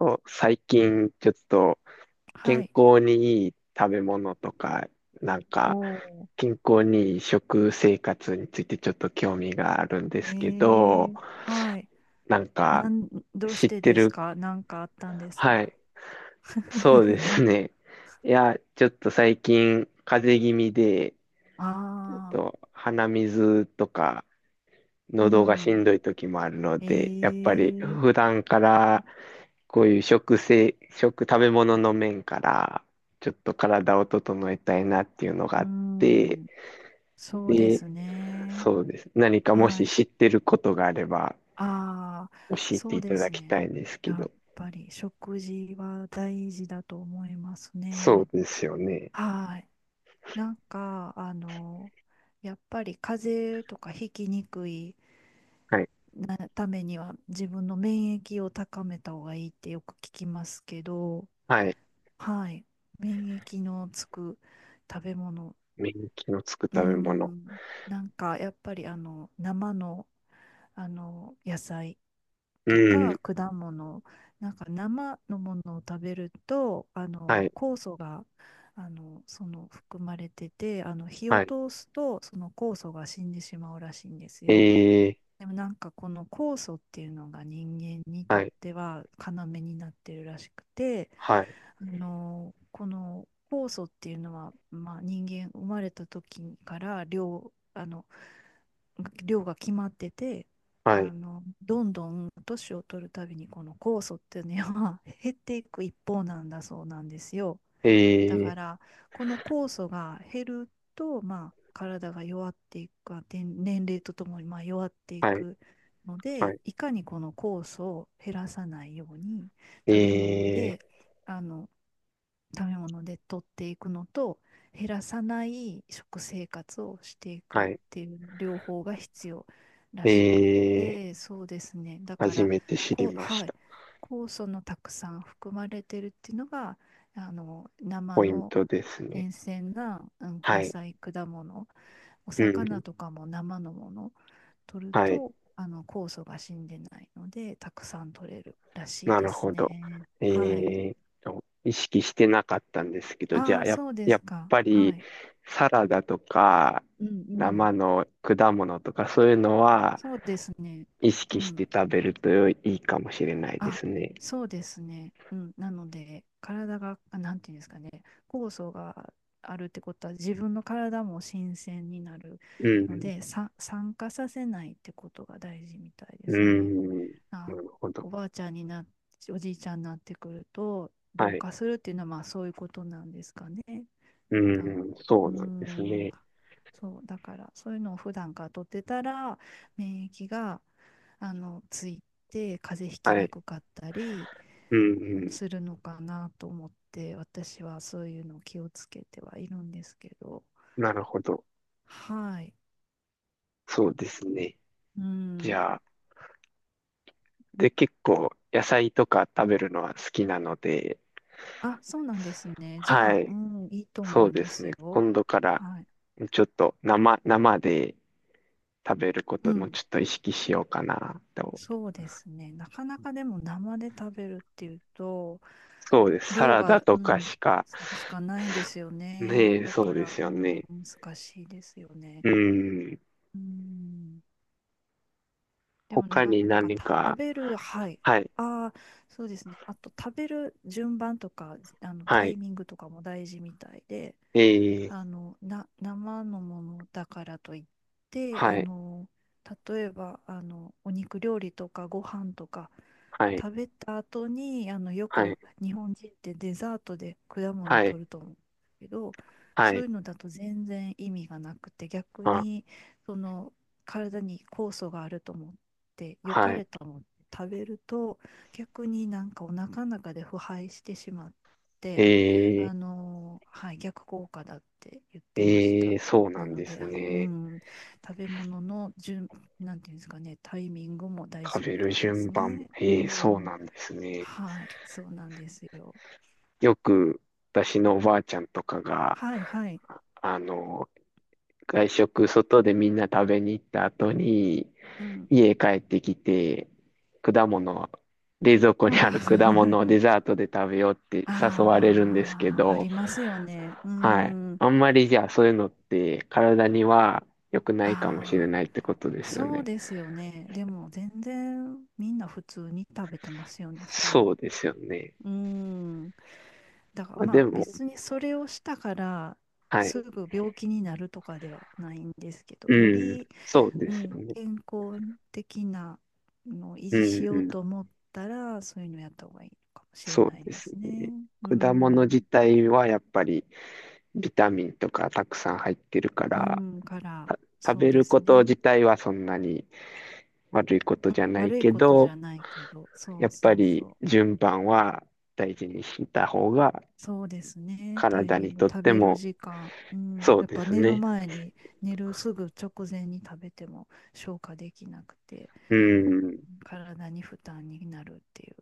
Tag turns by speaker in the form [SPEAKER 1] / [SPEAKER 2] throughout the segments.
[SPEAKER 1] そう最近ちょっと
[SPEAKER 2] は
[SPEAKER 1] 健
[SPEAKER 2] い。
[SPEAKER 1] 康にいい食べ物とか、なん
[SPEAKER 2] お
[SPEAKER 1] か
[SPEAKER 2] ー。
[SPEAKER 1] 健康にいい食生活についてちょっと興味があるんで
[SPEAKER 2] え
[SPEAKER 1] すけど、
[SPEAKER 2] はい。
[SPEAKER 1] なんか
[SPEAKER 2] なん、どうし
[SPEAKER 1] 知っ
[SPEAKER 2] て
[SPEAKER 1] て
[SPEAKER 2] です
[SPEAKER 1] る、
[SPEAKER 2] か？なんかあったんですか？
[SPEAKER 1] はい、そうで すね。いや、ちょっと最近風邪気味で、ちょっ
[SPEAKER 2] ああ、
[SPEAKER 1] と鼻水とか
[SPEAKER 2] う
[SPEAKER 1] 喉がし
[SPEAKER 2] ん。
[SPEAKER 1] んどい時もあるの
[SPEAKER 2] え
[SPEAKER 1] で、やっぱり
[SPEAKER 2] ー、
[SPEAKER 1] 普段からこういう食生、食、食べ物の面からちょっと体を整えたいなっていうのが
[SPEAKER 2] う
[SPEAKER 1] あって、
[SPEAKER 2] ん。そうで
[SPEAKER 1] で、
[SPEAKER 2] すね。
[SPEAKER 1] そうです。何かも
[SPEAKER 2] は
[SPEAKER 1] し
[SPEAKER 2] い。
[SPEAKER 1] 知ってることがあれば
[SPEAKER 2] ああ、
[SPEAKER 1] 教え
[SPEAKER 2] そ
[SPEAKER 1] て
[SPEAKER 2] う
[SPEAKER 1] いた
[SPEAKER 2] で
[SPEAKER 1] だ
[SPEAKER 2] す
[SPEAKER 1] き
[SPEAKER 2] ね。
[SPEAKER 1] たいんですけ
[SPEAKER 2] やっ
[SPEAKER 1] ど。
[SPEAKER 2] ぱり食事は大事だと思います
[SPEAKER 1] そう
[SPEAKER 2] ね。
[SPEAKER 1] ですよね。
[SPEAKER 2] はい。なんか、やっぱり風邪とかひきにくい
[SPEAKER 1] はい。
[SPEAKER 2] なためには自分の免疫を高めた方がいいってよく聞きますけど、
[SPEAKER 1] はい。
[SPEAKER 2] はい、免疫のつく食べ物、
[SPEAKER 1] 免疫のつく
[SPEAKER 2] うー
[SPEAKER 1] 食べ物。
[SPEAKER 2] ん、なんかやっぱり生の、野菜
[SPEAKER 1] う
[SPEAKER 2] とか
[SPEAKER 1] ん。
[SPEAKER 2] 果物、なんか生のものを食べると、あ
[SPEAKER 1] は
[SPEAKER 2] の
[SPEAKER 1] い。
[SPEAKER 2] 酵素が含まれてて、あの火を
[SPEAKER 1] はい。
[SPEAKER 2] 通すとその酵素が死んでしまうらしいんですよ。
[SPEAKER 1] えー、
[SPEAKER 2] でもなんかこの酵素っていうのが人間にと
[SPEAKER 1] は
[SPEAKER 2] っ
[SPEAKER 1] い。
[SPEAKER 2] ては要になってるらしくて、
[SPEAKER 1] はい。
[SPEAKER 2] あのこの酵素っていうのは、まあ、人間生まれた時から量、あの量が決まってて、
[SPEAKER 1] は
[SPEAKER 2] あ
[SPEAKER 1] い。
[SPEAKER 2] のどんどん年を取るたびにこの酵素っていうのは減っていく一方なんだそうなんですよ。
[SPEAKER 1] え
[SPEAKER 2] だか
[SPEAKER 1] ー、
[SPEAKER 2] らこの酵素が減ると、まあ、体が弱っていくか年齢とともにまあ弱ってい
[SPEAKER 1] はい。
[SPEAKER 2] くの
[SPEAKER 1] は
[SPEAKER 2] で、
[SPEAKER 1] い。
[SPEAKER 2] いかにこの酵素を減らさないように食べ物
[SPEAKER 1] え
[SPEAKER 2] で
[SPEAKER 1] ー
[SPEAKER 2] あの食べ物で取っていくのと、減らさない食生活をしていく
[SPEAKER 1] は
[SPEAKER 2] っ
[SPEAKER 1] い。
[SPEAKER 2] ていう両方が必要らしく
[SPEAKER 1] えー、
[SPEAKER 2] て、そうですね。だか
[SPEAKER 1] 初
[SPEAKER 2] ら、
[SPEAKER 1] めて知り
[SPEAKER 2] こう、
[SPEAKER 1] まし
[SPEAKER 2] はい、
[SPEAKER 1] た。
[SPEAKER 2] 酵素のたくさん含まれてるっていうのが、あの、生
[SPEAKER 1] ポイン
[SPEAKER 2] の
[SPEAKER 1] トですね。
[SPEAKER 2] 新鮮な、うん、
[SPEAKER 1] は
[SPEAKER 2] 野
[SPEAKER 1] い。
[SPEAKER 2] 菜、果物、お
[SPEAKER 1] う
[SPEAKER 2] 魚
[SPEAKER 1] ん。
[SPEAKER 2] とかも生のもの取る
[SPEAKER 1] はい。
[SPEAKER 2] と、あの、酵素が死んでないので、たくさん取れるらしい
[SPEAKER 1] な
[SPEAKER 2] で
[SPEAKER 1] る
[SPEAKER 2] す
[SPEAKER 1] ほど。
[SPEAKER 2] ね。
[SPEAKER 1] え
[SPEAKER 2] はい。
[SPEAKER 1] ーと、意識してなかったんですけど、じゃ
[SPEAKER 2] あ
[SPEAKER 1] あ、
[SPEAKER 2] あ、そうで
[SPEAKER 1] やっ
[SPEAKER 2] すか。
[SPEAKER 1] ぱ
[SPEAKER 2] は
[SPEAKER 1] り、
[SPEAKER 2] い。
[SPEAKER 1] サラダとか、
[SPEAKER 2] うんうん。
[SPEAKER 1] 生の果物とか、そういうのは、
[SPEAKER 2] そうですね。
[SPEAKER 1] 意
[SPEAKER 2] う
[SPEAKER 1] 識し
[SPEAKER 2] ん。
[SPEAKER 1] て食べるといいかもしれないで
[SPEAKER 2] あ、
[SPEAKER 1] すね。
[SPEAKER 2] そうですね。うん。なので、体が、あなんていうんですかね、酵素があるってことは、自分の体も新鮮になる
[SPEAKER 1] う
[SPEAKER 2] の
[SPEAKER 1] ん。
[SPEAKER 2] で、酸化させないってことが大事みたいで
[SPEAKER 1] う
[SPEAKER 2] すね。
[SPEAKER 1] ん。な
[SPEAKER 2] あ、
[SPEAKER 1] るほど。
[SPEAKER 2] おばあちゃんになっ、おじいちゃんになってくると、
[SPEAKER 1] は
[SPEAKER 2] 老
[SPEAKER 1] い。
[SPEAKER 2] 化するっていうのは、まあそういうことなんですかね。
[SPEAKER 1] う
[SPEAKER 2] 多分。
[SPEAKER 1] ん。そ
[SPEAKER 2] うー
[SPEAKER 1] うなんです
[SPEAKER 2] ん。
[SPEAKER 1] ね。
[SPEAKER 2] そう、だから、そういうのを普段から取ってたら、免疫が、あの、ついて、風邪ひき
[SPEAKER 1] は
[SPEAKER 2] に
[SPEAKER 1] い。
[SPEAKER 2] くかったり
[SPEAKER 1] うん。う
[SPEAKER 2] うん
[SPEAKER 1] ん
[SPEAKER 2] するのかなと思って、私はそういうのを気をつけてはいるんですけど。
[SPEAKER 1] なるほど。
[SPEAKER 2] はい。
[SPEAKER 1] そうですね。
[SPEAKER 2] う
[SPEAKER 1] じ
[SPEAKER 2] ん。
[SPEAKER 1] ゃあ、で、結構野菜とか食べるのは好きなので、
[SPEAKER 2] あ、そうなんですね。じゃ
[SPEAKER 1] は
[SPEAKER 2] あ、う
[SPEAKER 1] い、
[SPEAKER 2] ん、いいと
[SPEAKER 1] そ
[SPEAKER 2] 思
[SPEAKER 1] う
[SPEAKER 2] い
[SPEAKER 1] で
[SPEAKER 2] ま
[SPEAKER 1] す
[SPEAKER 2] す
[SPEAKER 1] ね。
[SPEAKER 2] よ。
[SPEAKER 1] 今度から
[SPEAKER 2] はい。
[SPEAKER 1] ちょっと生、生で食べるこ
[SPEAKER 2] う
[SPEAKER 1] とも
[SPEAKER 2] ん。
[SPEAKER 1] ちょっと意識しようかなと。
[SPEAKER 2] そうですね。なかなかでも生で食べるっていうと、
[SPEAKER 1] そうです。サ
[SPEAKER 2] 量
[SPEAKER 1] ラダ
[SPEAKER 2] が、う
[SPEAKER 1] とか
[SPEAKER 2] ん、
[SPEAKER 1] しか、
[SPEAKER 2] しかないんですよね。
[SPEAKER 1] ねえ、
[SPEAKER 2] だ
[SPEAKER 1] そ
[SPEAKER 2] か
[SPEAKER 1] うで
[SPEAKER 2] ら、
[SPEAKER 1] す
[SPEAKER 2] う
[SPEAKER 1] よ
[SPEAKER 2] ん、
[SPEAKER 1] ね。
[SPEAKER 2] 難しいですよね。
[SPEAKER 1] うん。
[SPEAKER 2] うん、でもなん
[SPEAKER 1] 他に
[SPEAKER 2] か
[SPEAKER 1] 何
[SPEAKER 2] 食
[SPEAKER 1] か、
[SPEAKER 2] べる、はい。
[SPEAKER 1] はい、
[SPEAKER 2] ああ、そうですね。あと食べる順番とか、あのタ
[SPEAKER 1] はい、
[SPEAKER 2] イミングとかも大事みたいで、
[SPEAKER 1] ええ、
[SPEAKER 2] あのな生のものだからといって、あ
[SPEAKER 1] はい、
[SPEAKER 2] の、例えばあのお肉料理とかご飯とか
[SPEAKER 1] はい、
[SPEAKER 2] 食べた後にあのよ
[SPEAKER 1] はい、
[SPEAKER 2] く日本人ってデザートで果物を
[SPEAKER 1] はい、
[SPEAKER 2] 取ると思うけど、
[SPEAKER 1] は
[SPEAKER 2] そう
[SPEAKER 1] い、
[SPEAKER 2] いうのだと全然意味がなくて、逆
[SPEAKER 1] あ、
[SPEAKER 2] にその体に酵素があると思って良
[SPEAKER 1] は
[SPEAKER 2] か
[SPEAKER 1] い、
[SPEAKER 2] れと思って食べると、逆になんかお腹の中で腐敗してしまっ
[SPEAKER 1] え
[SPEAKER 2] て。
[SPEAKER 1] え、
[SPEAKER 2] あの、はい、逆効果だって言ってまし
[SPEAKER 1] え
[SPEAKER 2] た。
[SPEAKER 1] え、そうな
[SPEAKER 2] な
[SPEAKER 1] ん
[SPEAKER 2] の
[SPEAKER 1] で
[SPEAKER 2] で、
[SPEAKER 1] す
[SPEAKER 2] あう
[SPEAKER 1] ね。
[SPEAKER 2] ん、食べ物の順、なんていうんですかね、タイミングも大事
[SPEAKER 1] 食べ
[SPEAKER 2] み
[SPEAKER 1] る
[SPEAKER 2] たいで
[SPEAKER 1] 順
[SPEAKER 2] す
[SPEAKER 1] 番も、
[SPEAKER 2] ね。う
[SPEAKER 1] ええ、そう
[SPEAKER 2] ん、
[SPEAKER 1] なんですね。
[SPEAKER 2] はい、そうなんですよ。
[SPEAKER 1] よく私のおばあちゃんとかが、
[SPEAKER 2] はい、はい、
[SPEAKER 1] あの、外食、外でみんな食べに行った後に、
[SPEAKER 2] うん。
[SPEAKER 1] 家帰ってきて、果物、冷蔵庫にある 果物を デザートで食べようって誘われるんですけ
[SPEAKER 2] ああ、あ
[SPEAKER 1] ど、
[SPEAKER 2] りますよね。う
[SPEAKER 1] はい。
[SPEAKER 2] ん。
[SPEAKER 1] あんまりじゃあそういうのって体には良くないかもしれ
[SPEAKER 2] ああ、
[SPEAKER 1] ないってことですよ
[SPEAKER 2] そう
[SPEAKER 1] ね。
[SPEAKER 2] ですよね。でも全然みんな普通に食べてますよね、そういうの。
[SPEAKER 1] そうですよね。
[SPEAKER 2] うん。だから
[SPEAKER 1] まあ、
[SPEAKER 2] ま
[SPEAKER 1] で
[SPEAKER 2] あ
[SPEAKER 1] も、
[SPEAKER 2] 別にそれをしたから
[SPEAKER 1] は
[SPEAKER 2] す
[SPEAKER 1] い。
[SPEAKER 2] ぐ病気になるとかではないんですけど、よ
[SPEAKER 1] うん、
[SPEAKER 2] り、
[SPEAKER 1] そうで
[SPEAKER 2] う
[SPEAKER 1] す
[SPEAKER 2] ん、
[SPEAKER 1] よね。
[SPEAKER 2] 健康的なのを維
[SPEAKER 1] う
[SPEAKER 2] 持
[SPEAKER 1] ん
[SPEAKER 2] し
[SPEAKER 1] う
[SPEAKER 2] よう
[SPEAKER 1] ん。
[SPEAKER 2] と思ったら、そういうのやった方がいいのかもしれ
[SPEAKER 1] そう
[SPEAKER 2] ない
[SPEAKER 1] で
[SPEAKER 2] で
[SPEAKER 1] す
[SPEAKER 2] すね。
[SPEAKER 1] ね。
[SPEAKER 2] う
[SPEAKER 1] 果物
[SPEAKER 2] ん、
[SPEAKER 1] 自体はやっぱりビタミンとかたくさん入ってるか
[SPEAKER 2] う
[SPEAKER 1] ら、
[SPEAKER 2] ん、から、
[SPEAKER 1] た食
[SPEAKER 2] そう
[SPEAKER 1] べ
[SPEAKER 2] で
[SPEAKER 1] る
[SPEAKER 2] す
[SPEAKER 1] こと
[SPEAKER 2] ね。
[SPEAKER 1] 自体はそんなに悪いことじゃ
[SPEAKER 2] うん、
[SPEAKER 1] ない
[SPEAKER 2] 悪い
[SPEAKER 1] け
[SPEAKER 2] ことじ
[SPEAKER 1] ど、
[SPEAKER 2] ゃないけど、
[SPEAKER 1] や
[SPEAKER 2] そう
[SPEAKER 1] っぱ
[SPEAKER 2] そう
[SPEAKER 1] り
[SPEAKER 2] そう。
[SPEAKER 1] 順番は大事にした方が
[SPEAKER 2] そうですね。タイ
[SPEAKER 1] 体
[SPEAKER 2] ミ
[SPEAKER 1] に
[SPEAKER 2] ング、
[SPEAKER 1] とっ
[SPEAKER 2] 食
[SPEAKER 1] て
[SPEAKER 2] べる
[SPEAKER 1] も
[SPEAKER 2] 時間、うん、
[SPEAKER 1] そう
[SPEAKER 2] やっ
[SPEAKER 1] で
[SPEAKER 2] ぱ
[SPEAKER 1] す
[SPEAKER 2] 寝る
[SPEAKER 1] ね。
[SPEAKER 2] 前に、寝るすぐ直前に食べても消化できなくて、
[SPEAKER 1] うん。
[SPEAKER 2] 体に負担になるっていう。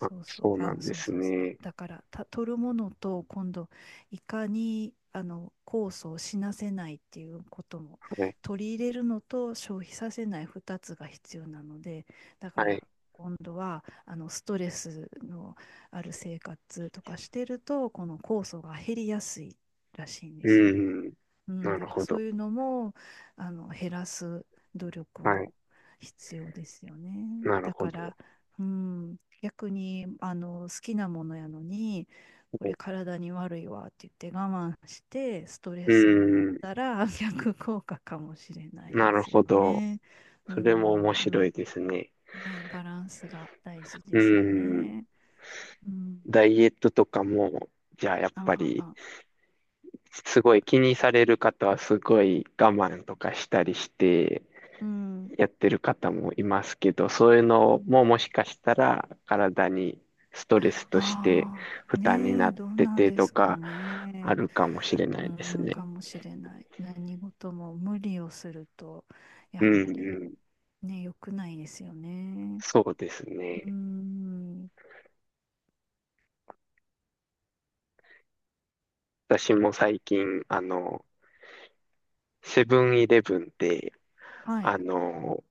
[SPEAKER 1] あ、
[SPEAKER 2] うそう、
[SPEAKER 1] そう
[SPEAKER 2] あ
[SPEAKER 1] な
[SPEAKER 2] の、
[SPEAKER 1] んで
[SPEAKER 2] そう
[SPEAKER 1] す
[SPEAKER 2] そうそう。
[SPEAKER 1] ね。
[SPEAKER 2] だから、取るものと、今度、いかに、あの、酵素を死なせないっていうことも、
[SPEAKER 1] はい。
[SPEAKER 2] 取り入れるのと消費させない2つが必要なので、だか
[SPEAKER 1] は
[SPEAKER 2] ら、
[SPEAKER 1] い。
[SPEAKER 2] 今度は、あの、ストレスのある生活とかしてると、この酵素が減りやすいらしいんです
[SPEAKER 1] う
[SPEAKER 2] よ。
[SPEAKER 1] ん。
[SPEAKER 2] うん、
[SPEAKER 1] なる
[SPEAKER 2] だから
[SPEAKER 1] ほ
[SPEAKER 2] そ
[SPEAKER 1] ど。
[SPEAKER 2] ういうのもあの減らす努力
[SPEAKER 1] はい。
[SPEAKER 2] も必要ですよね。
[SPEAKER 1] なる
[SPEAKER 2] だ
[SPEAKER 1] ほ
[SPEAKER 2] か
[SPEAKER 1] ど。
[SPEAKER 2] ら、うん、逆にあの好きなものやのにこれ体に悪いわって言って我慢してストレ
[SPEAKER 1] う
[SPEAKER 2] スになっ
[SPEAKER 1] ん。
[SPEAKER 2] たら 逆効果かもしれない
[SPEAKER 1] な
[SPEAKER 2] で
[SPEAKER 1] る
[SPEAKER 2] す
[SPEAKER 1] ほ
[SPEAKER 2] よ
[SPEAKER 1] ど。
[SPEAKER 2] ね。うん
[SPEAKER 1] それも面
[SPEAKER 2] う
[SPEAKER 1] 白い
[SPEAKER 2] ん
[SPEAKER 1] ですね。
[SPEAKER 2] うん。ね、バランスが大事
[SPEAKER 1] う
[SPEAKER 2] ですよ
[SPEAKER 1] ん。
[SPEAKER 2] ね。うん。
[SPEAKER 1] ダイエットとかも、じゃあやっぱ
[SPEAKER 2] あ
[SPEAKER 1] り、
[SPEAKER 2] あ、ああ
[SPEAKER 1] すごい気にされる方はすごい我慢とかしたりして
[SPEAKER 2] うん。
[SPEAKER 1] やってる方もいますけど、そういうのももしかしたら体にストレスとして
[SPEAKER 2] あ
[SPEAKER 1] 負
[SPEAKER 2] あ、
[SPEAKER 1] 担に
[SPEAKER 2] ね
[SPEAKER 1] な
[SPEAKER 2] え、
[SPEAKER 1] っ
[SPEAKER 2] どう
[SPEAKER 1] て
[SPEAKER 2] なん
[SPEAKER 1] て
[SPEAKER 2] で
[SPEAKER 1] と
[SPEAKER 2] すか
[SPEAKER 1] かあ
[SPEAKER 2] ね。
[SPEAKER 1] るかもしれな
[SPEAKER 2] う
[SPEAKER 1] いです
[SPEAKER 2] ん、
[SPEAKER 1] ね。
[SPEAKER 2] かもしれない。何事も無理をすると、や
[SPEAKER 1] うん
[SPEAKER 2] はり
[SPEAKER 1] うん。
[SPEAKER 2] ね、良くないですよね。
[SPEAKER 1] そうです
[SPEAKER 2] う
[SPEAKER 1] ね。
[SPEAKER 2] ん、
[SPEAKER 1] 私も最近、あの、セブンイレブンで、
[SPEAKER 2] はい、
[SPEAKER 1] あの、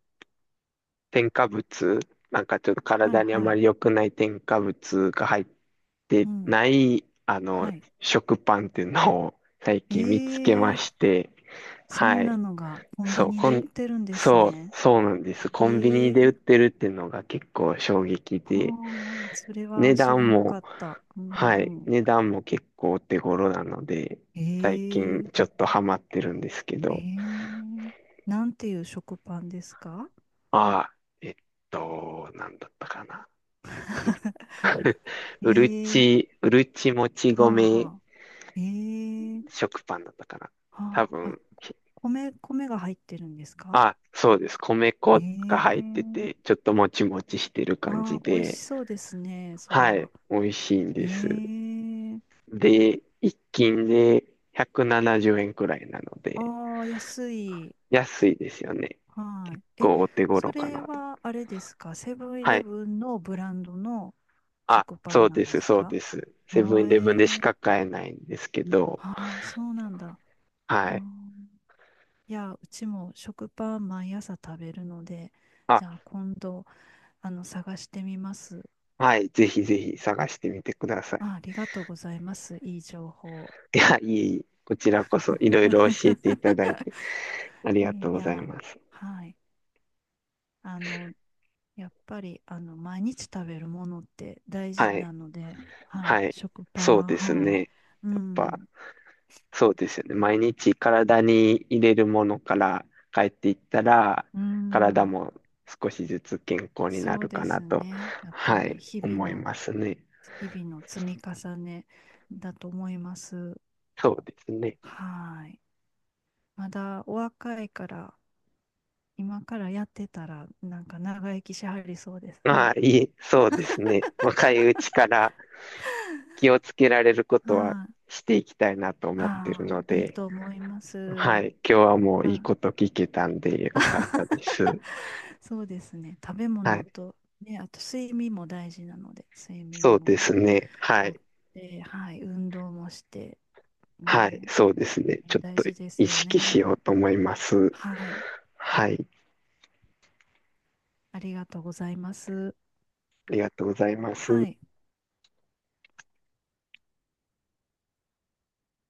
[SPEAKER 1] 添加物、なんかちょっと
[SPEAKER 2] はい、
[SPEAKER 1] 体にあ
[SPEAKER 2] は
[SPEAKER 1] ま
[SPEAKER 2] い、
[SPEAKER 1] り良くない添加物が入っ
[SPEAKER 2] う
[SPEAKER 1] て
[SPEAKER 2] ん、
[SPEAKER 1] ない、あの、
[SPEAKER 2] はい。
[SPEAKER 1] 食パンっていうのを最
[SPEAKER 2] え
[SPEAKER 1] 近見つけま
[SPEAKER 2] ー、
[SPEAKER 1] して、
[SPEAKER 2] そ
[SPEAKER 1] は
[SPEAKER 2] んな
[SPEAKER 1] い。
[SPEAKER 2] のがコン
[SPEAKER 1] そ
[SPEAKER 2] ビ
[SPEAKER 1] う、
[SPEAKER 2] ニ
[SPEAKER 1] こ
[SPEAKER 2] で売っ
[SPEAKER 1] ん、
[SPEAKER 2] てるんです
[SPEAKER 1] そう、
[SPEAKER 2] ね。
[SPEAKER 1] そうなんです。
[SPEAKER 2] え
[SPEAKER 1] コンビニで売っ
[SPEAKER 2] ー、
[SPEAKER 1] てるっていうのが結構衝撃で、
[SPEAKER 2] はあ、それ
[SPEAKER 1] 値
[SPEAKER 2] は知ら
[SPEAKER 1] 段
[SPEAKER 2] な
[SPEAKER 1] も、
[SPEAKER 2] かった。う
[SPEAKER 1] はい、
[SPEAKER 2] んうん。
[SPEAKER 1] 値段も結構お手頃なので、
[SPEAKER 2] え
[SPEAKER 1] 最近ちょ
[SPEAKER 2] ー、
[SPEAKER 1] っとハマってるんですけ
[SPEAKER 2] え
[SPEAKER 1] ど、
[SPEAKER 2] ー、なんていう食パンですか？
[SPEAKER 1] ああ、えっと、なんだったかな。うる
[SPEAKER 2] えー、
[SPEAKER 1] うるちもち
[SPEAKER 2] はあ
[SPEAKER 1] 米
[SPEAKER 2] はあ。えー、
[SPEAKER 1] 食パンだったかな。多
[SPEAKER 2] はあ、
[SPEAKER 1] 分、
[SPEAKER 2] あ、米、米が入ってるんですか？
[SPEAKER 1] あ、そうです。米粉が入って
[SPEAKER 2] ええ。
[SPEAKER 1] て、ちょっともちもちしてる感じ
[SPEAKER 2] ああ、美味し
[SPEAKER 1] で、
[SPEAKER 2] そうですね、それ
[SPEAKER 1] はい、
[SPEAKER 2] は。
[SPEAKER 1] 美味しいん
[SPEAKER 2] え
[SPEAKER 1] です。
[SPEAKER 2] え。
[SPEAKER 1] で、一斤で170円くななじゅうえんくらいなので、
[SPEAKER 2] ああ、安い。
[SPEAKER 1] 安いですよね。
[SPEAKER 2] は
[SPEAKER 1] 結
[SPEAKER 2] い。え、
[SPEAKER 1] 構お手
[SPEAKER 2] そ
[SPEAKER 1] 頃か
[SPEAKER 2] れ
[SPEAKER 1] なと。
[SPEAKER 2] はあれですか？セブンイ
[SPEAKER 1] は
[SPEAKER 2] レ
[SPEAKER 1] い。
[SPEAKER 2] ブンのブランドの
[SPEAKER 1] あ、
[SPEAKER 2] 食パ
[SPEAKER 1] そ
[SPEAKER 2] ン
[SPEAKER 1] う
[SPEAKER 2] な
[SPEAKER 1] で
[SPEAKER 2] んで
[SPEAKER 1] す、
[SPEAKER 2] す
[SPEAKER 1] そう
[SPEAKER 2] か？
[SPEAKER 1] です。セブ
[SPEAKER 2] あ、
[SPEAKER 1] ンイレブンでし
[SPEAKER 2] え
[SPEAKER 1] か
[SPEAKER 2] え、
[SPEAKER 1] 買えないんですけど、
[SPEAKER 2] ああ、そうなんだ。あ
[SPEAKER 1] はい。
[SPEAKER 2] あ、いや、うちも食パン毎朝食べるので、
[SPEAKER 1] あ、
[SPEAKER 2] じゃあ今度、あの、探してみます。
[SPEAKER 1] はい、ぜひぜひ探してみてください。
[SPEAKER 2] あ、ありがとうございます。いい情報。
[SPEAKER 1] いや、いえいえ、こちらこそいろいろ教えていただい てありがと
[SPEAKER 2] い
[SPEAKER 1] うござい
[SPEAKER 2] や、
[SPEAKER 1] ます。
[SPEAKER 2] はい。あの、やっぱり、あの、毎日食べるものって大事
[SPEAKER 1] はい、
[SPEAKER 2] なので、はい。
[SPEAKER 1] はい、
[SPEAKER 2] 食パ
[SPEAKER 1] そう
[SPEAKER 2] ン、
[SPEAKER 1] です
[SPEAKER 2] は
[SPEAKER 1] ね。
[SPEAKER 2] い。
[SPEAKER 1] や
[SPEAKER 2] う
[SPEAKER 1] っぱ、
[SPEAKER 2] ん、
[SPEAKER 1] そうですよね。毎日体に入れるものから帰っていったら、
[SPEAKER 2] う
[SPEAKER 1] 体
[SPEAKER 2] ん。
[SPEAKER 1] も少しずつ健康にな
[SPEAKER 2] そう
[SPEAKER 1] る
[SPEAKER 2] で
[SPEAKER 1] かな
[SPEAKER 2] す
[SPEAKER 1] と、
[SPEAKER 2] ね。やっぱ
[SPEAKER 1] は
[SPEAKER 2] り、
[SPEAKER 1] い、思いますね。
[SPEAKER 2] 日々の積み重ねだと思います。
[SPEAKER 1] そうですね。
[SPEAKER 2] はい。まだお若いから、今からやってたら、なんか長生きしはりそうです
[SPEAKER 1] ま
[SPEAKER 2] ね。
[SPEAKER 1] あ、いい、そうですね。若いうちから気をつけられることは
[SPEAKER 2] はい。
[SPEAKER 1] していきたいなと思ってる
[SPEAKER 2] ああ、
[SPEAKER 1] の
[SPEAKER 2] いい
[SPEAKER 1] で、
[SPEAKER 2] と思いま
[SPEAKER 1] は
[SPEAKER 2] す。
[SPEAKER 1] い。今日はもういい
[SPEAKER 2] あ、
[SPEAKER 1] こと聞けたんでよかったです。
[SPEAKER 2] そうですね。食べ
[SPEAKER 1] は
[SPEAKER 2] 物
[SPEAKER 1] い。
[SPEAKER 2] と、ね、あと睡眠も大事なので、睡
[SPEAKER 1] そ
[SPEAKER 2] 眠
[SPEAKER 1] うで
[SPEAKER 2] も
[SPEAKER 1] すね。は
[SPEAKER 2] とっ
[SPEAKER 1] い。
[SPEAKER 2] て、はい、運動もして、
[SPEAKER 1] はい。
[SPEAKER 2] ね、
[SPEAKER 1] そうです
[SPEAKER 2] えー
[SPEAKER 1] ね。ちょっ
[SPEAKER 2] 大
[SPEAKER 1] と
[SPEAKER 2] 事です
[SPEAKER 1] 意
[SPEAKER 2] よ
[SPEAKER 1] 識しよ
[SPEAKER 2] ね。
[SPEAKER 1] うと思います。
[SPEAKER 2] はい、
[SPEAKER 1] はい。
[SPEAKER 2] ありがとうございます。
[SPEAKER 1] ありがとうございま
[SPEAKER 2] は
[SPEAKER 1] す。
[SPEAKER 2] い。